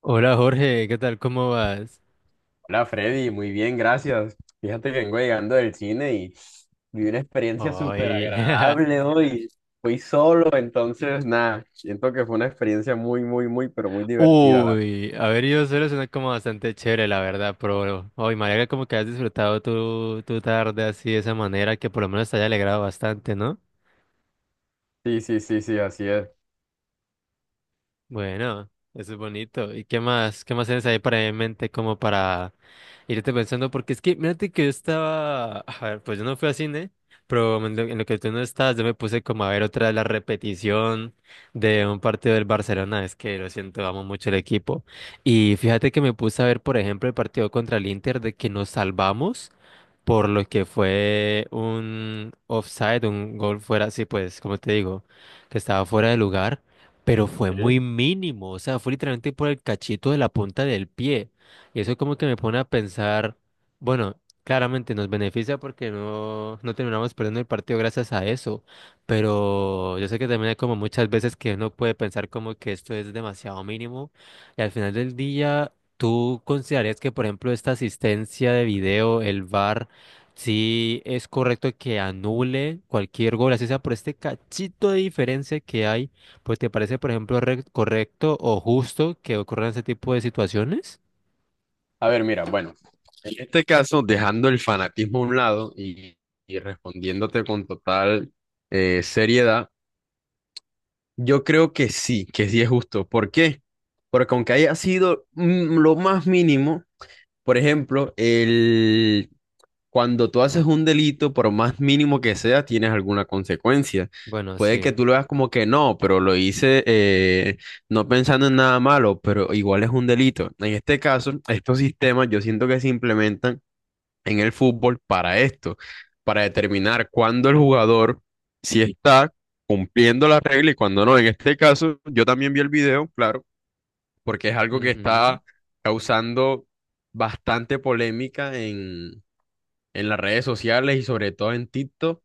Hola Jorge, ¿qué tal? ¿Cómo vas? Hola Freddy, muy bien, gracias. Fíjate que vengo llegando del cine y viví una experiencia súper Hoy, agradable hoy. Fui solo, entonces nada, siento que fue una experiencia muy, muy, muy, pero muy divertida. La... uy, haber ido solo suena como bastante chévere, la verdad, pero hoy me alegra como que has disfrutado tu tarde así de esa manera, que por lo menos te haya alegrado bastante, ¿no? Sí, sí, sí, sí, así es. Bueno, eso es bonito. ¿Y qué más? ¿Qué más tienes ahí para en mente como para irte pensando? Porque es que, mírate que yo estaba, a ver, pues yo no fui a cine, pero en lo que tú no estás, yo me puse como a ver otra de la repetición de un partido del Barcelona. Es que lo siento, amo mucho el equipo. Y fíjate que me puse a ver, por ejemplo, el partido contra el Inter de que nos salvamos por lo que fue un offside, un gol fuera, sí, pues, como te digo, que estaba fuera de lugar, pero fue muy Sí. mínimo, o sea, fue literalmente por el cachito de la punta del pie. Y eso como que me pone a pensar, bueno, claramente nos beneficia porque no terminamos perdiendo el partido gracias a eso, pero yo sé que también hay como muchas veces que uno puede pensar como que esto es demasiado mínimo y al final del día... ¿Tú considerarías que, por ejemplo, esta asistencia de video, el VAR, sí, es correcto que anule cualquier gol, así sea por este cachito de diferencia que hay, pues ¿te parece, por ejemplo, correcto o justo que ocurran ese tipo de situaciones? A ver, mira, bueno, en este caso, dejando el fanatismo a un lado y respondiéndote con total seriedad, yo creo que sí es justo. ¿Por qué? Porque aunque haya sido lo más mínimo. Por ejemplo, el... cuando tú haces un delito, por más mínimo que sea, tienes alguna consecuencia. Bueno, Puede que sí. tú lo veas como que no, pero lo hice no pensando en nada malo, pero igual es un delito. En este caso, estos sistemas yo siento que se implementan en el fútbol para esto, para determinar cuándo el jugador si está cumpliendo la regla y cuándo no. En este caso, yo también vi el video, claro porque es algo que Ujú. está causando bastante polémica en las redes sociales y sobre todo en TikTok.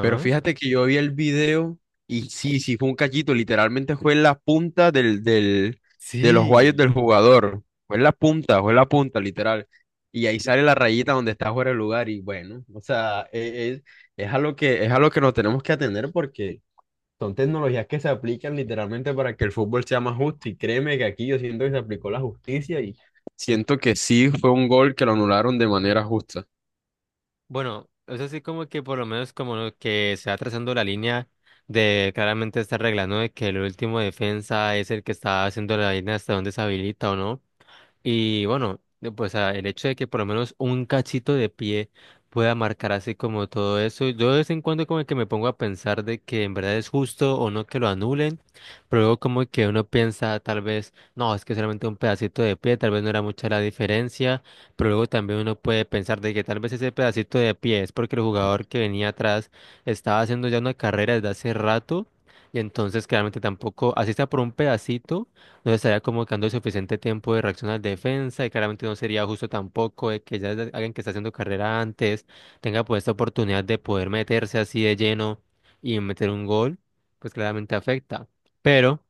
Pero fíjate que yo vi el video y sí, sí, fue un cachito, literalmente fue en la punta del, de los guayos Sí. del jugador. Fue en la punta, fue en la punta, literal. Y ahí sale la rayita donde está fuera el lugar y bueno, o sea, es, es a lo que nos tenemos que atener porque... Son tecnologías que se aplican literalmente para que el fútbol sea más justo y créeme que aquí yo siento que se aplicó la justicia y siento que sí fue un gol que lo anularon de manera justa. Bueno, es así como que por lo menos como lo que se va trazando la línea de claramente esta regla, ¿no? De que el último defensa es el que está haciendo la línea hasta donde se habilita o no. Y bueno, pues el hecho de que por lo menos un cachito de pie pueda marcar así como todo eso, yo de vez en cuando como que me pongo a pensar de que en verdad es justo o no que lo anulen, pero luego como que uno piensa tal vez, no, es que solamente un pedacito de pie, tal vez no era mucha la diferencia, pero luego también uno puede pensar de que tal vez ese pedacito de pie es porque el jugador que venía atrás estaba haciendo ya una carrera desde hace rato, y entonces claramente tampoco, así está por un pedacito no estaría como que dando el suficiente tiempo de reacción a la defensa y claramente no sería justo tampoco de que ya alguien que está haciendo carrera antes tenga pues esta oportunidad de poder meterse así de lleno y meter un gol, pues claramente afecta. Pero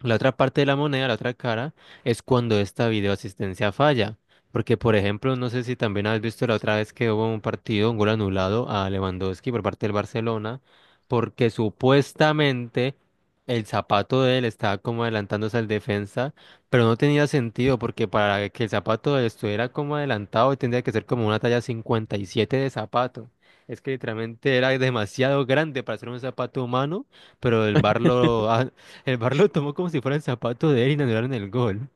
la otra parte de la moneda, la otra cara, es cuando esta videoasistencia falla. Porque, por ejemplo, no sé si también has visto la otra vez que hubo un partido, un gol anulado a Lewandowski por parte del Barcelona, porque supuestamente el zapato de él estaba como adelantándose al defensa, pero no tenía sentido porque para que el zapato de él estuviera como adelantado tendría que ser como una talla 57 de zapato. Es que literalmente era demasiado grande para ser un zapato humano pero el bar lo tomó como si fuera el zapato de él y le anularon el gol.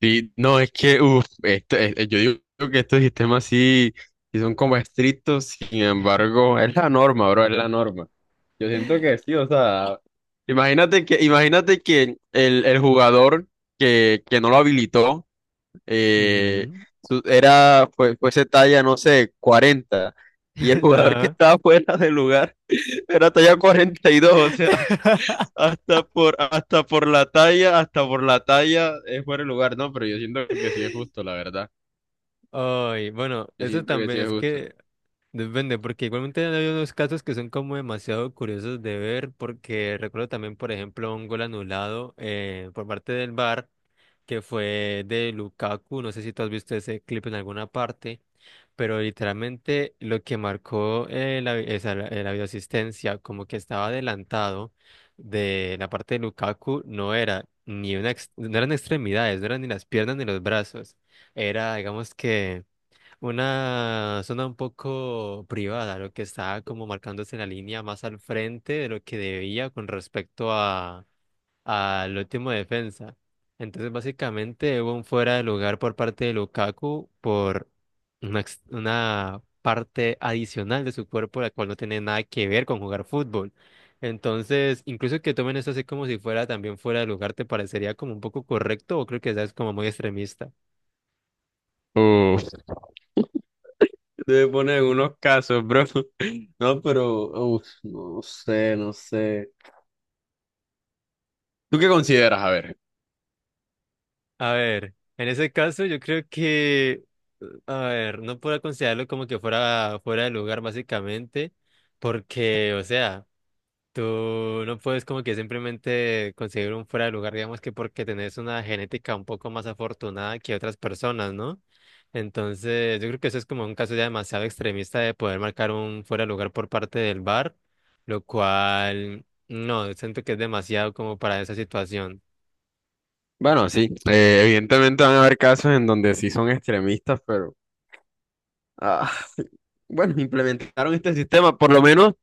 Y no, es que, uf, yo digo que estos sistemas sí, sí son como estrictos, sin embargo, es la norma, bro, es la norma. Yo siento que sí, o sea, imagínate que el jugador que no lo habilitó eh, Ujú. Fuese talla, no sé, cuarenta. Y el jugador que Ajá. estaba fuera del lugar era talla cuarenta y dos, o sea, hasta por la talla es fuera el lugar, ¿no? Pero yo siento que sí es justo, la verdad. Ay, bueno, Yo eso siento que también sí es es justo. que. Depende, porque igualmente hay unos casos que son como demasiado curiosos de ver, porque recuerdo también, por ejemplo, un gol anulado por parte del VAR, que fue de Lukaku, no sé si tú has visto ese clip en alguna parte, pero literalmente lo que marcó la videoasistencia, como que estaba adelantado de la parte de Lukaku, no era ni no eran extremidades, no eran ni las piernas ni los brazos, era, digamos que... Una zona un poco privada, lo que estaba como marcándose la línea más al frente de lo que debía con respecto a al último defensa. Entonces, básicamente hubo un fuera de lugar por parte de Lukaku por una parte adicional de su cuerpo, la cual no tiene nada que ver con jugar fútbol. Entonces, incluso que tomen esto así como si fuera también fuera de lugar, ¿te parecería como un poco correcto o creo que ya es como muy extremista? Uf, te ponen en unos casos, bro. No, pero, uf, no sé, no sé. ¿Tú qué consideras? A ver. A ver, en ese caso yo creo que, a ver, no puedo considerarlo como que fuera fuera de lugar básicamente, porque, o sea, tú no puedes como que simplemente conseguir un fuera de lugar, digamos que porque tenés una genética un poco más afortunada que otras personas, ¿no? Entonces, yo creo que eso es como un caso ya demasiado extremista de poder marcar un fuera de lugar por parte del bar, lo cual, no, siento que es demasiado como para esa situación. Bueno, sí, evidentemente van a haber casos en donde sí son extremistas, pero... Ah, bueno, implementaron este sistema, por lo menos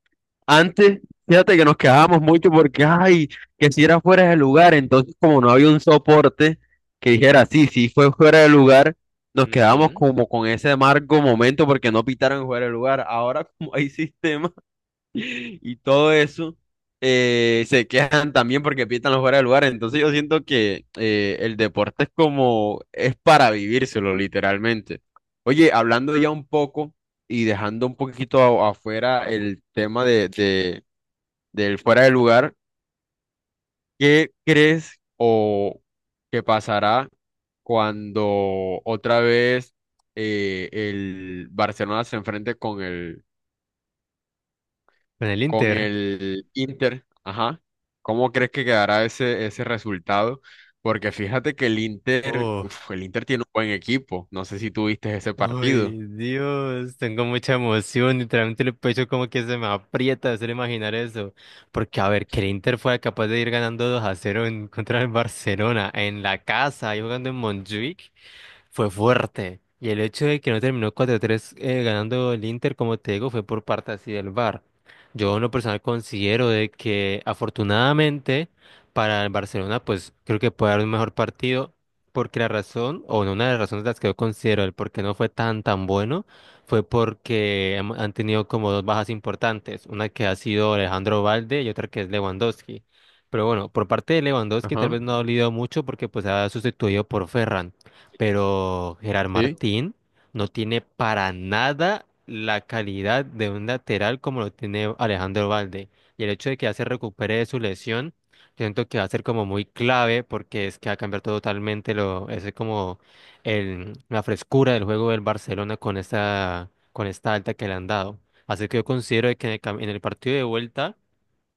antes, fíjate que nos quedábamos mucho porque, ay, que si era fuera de lugar, entonces como no había un soporte que dijera, sí, sí fue fuera de lugar, nos quedábamos Ujú. como con ese amargo momento porque no pitaron fuera de lugar. Ahora como hay sistemas y todo eso, se quejan también porque pitan los fuera de lugar. Entonces yo siento que el deporte es como, es para vivírselo literalmente. Oye, hablando ya un poco y dejando un poquito afuera el tema del fuera de lugar, ¿qué crees o qué pasará cuando otra vez el Barcelona se enfrente Con el con Inter. el Inter, ajá. ¿Cómo crees que quedará ese resultado? Porque fíjate que el Inter, Oh, uf, el Inter tiene un buen equipo. No sé si tú viste ese ay, partido. Dios, tengo mucha emoción, literalmente el pecho como que se me aprieta de hacer imaginar eso, porque a ver, que el Inter fue capaz de ir ganando 2-0 en contra del Barcelona, en la casa, ahí jugando en Montjuic, fue fuerte. Y el hecho de que no terminó 4-3 ganando el Inter, como te digo, fue por parte así del VAR. Yo en lo personal considero de que afortunadamente para el Barcelona, pues creo que puede dar un mejor partido, porque la razón, o no, una de las razones de las que yo considero el por qué no fue tan tan bueno, fue porque han tenido como dos bajas importantes, una que ha sido Alejandro Valde y otra que es Lewandowski. Pero bueno, por parte de Lewandowski tal Ajá, vez no ha dolido mucho porque pues ha sustituido por Ferran pero Gerard sí, Martín no tiene para nada la calidad de un lateral como lo tiene Alejandro Valde. Y el hecho de que ya se recupere de su lesión, siento que va a ser como muy clave porque es que va a cambiar totalmente lo, ese como el, la frescura del juego del Barcelona con con esta alta que le han dado. Así que yo considero de que en el, en el partido de vuelta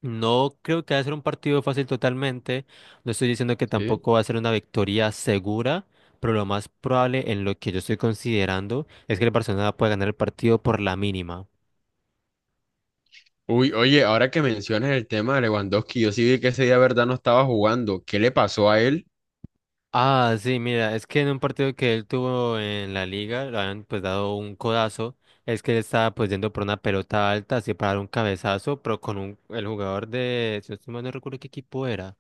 no creo que va a ser un partido fácil totalmente. No estoy diciendo que sí. tampoco va a ser una victoria segura, pero lo más probable en lo que yo estoy considerando es que el Barcelona pueda ganar el partido por la mínima. Uy, oye, ahora que mencionas el tema de Lewandowski, yo sí vi que ese día, verdad, no estaba jugando. ¿Qué le pasó a él? Ah, sí, mira, es que en un partido que él tuvo en la liga, le habían pues dado un codazo, es que él estaba pues yendo por una pelota alta, así para dar un cabezazo, pero con un, el jugador de, si no estoy mal, no recuerdo qué equipo era.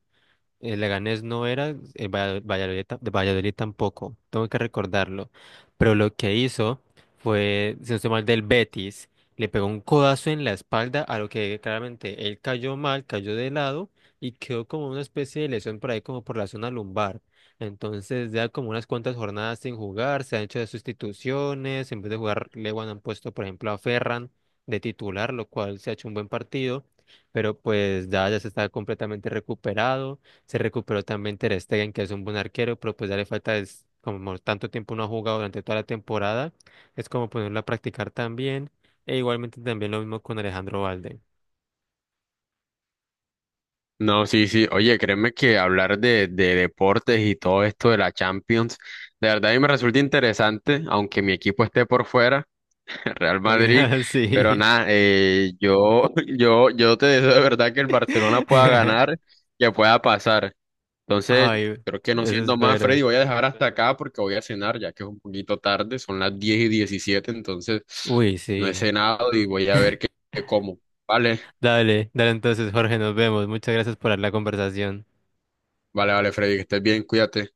El Leganés no era, el Valladolid, de Valladolid tampoco, tengo que recordarlo. Pero lo que hizo fue, si no estoy mal, del Betis, le pegó un codazo en la espalda, a lo que claramente él cayó mal, cayó de lado y quedó como una especie de lesión por ahí, como por la zona lumbar. Entonces, ya como unas cuantas jornadas sin jugar, se han hecho de sustituciones, en vez de jugar Lewan han puesto, por ejemplo, a Ferran de titular, lo cual se ha hecho un buen partido, pero pues ya, ya se está completamente recuperado. Se recuperó también Ter Stegen, que es un buen arquero, pero pues ya le falta, es como tanto tiempo no ha jugado durante toda la temporada, es como ponerlo a practicar también. E igualmente también lo mismo con Alejandro Valde. No, sí, sí. Oye, créeme que hablar de deportes y todo esto de la Champions, de verdad a mí me resulta interesante, aunque mi equipo esté por fuera. Real Porque, Madrid, pero sí. nada, yo te deseo de verdad que el Barcelona pueda ganar, que pueda pasar. Entonces, Ay, creo que no eso siendo más, espero. Freddy, voy a dejar hasta acá porque voy a cenar, ya que es un poquito tarde, son las 10:17, entonces Uy, no he sí. cenado y voy a ver qué, qué como. Vale, Dale, dale entonces, Jorge, nos vemos. Muchas gracias por la conversación. Vale, Freddy, que estés bien, cuídate.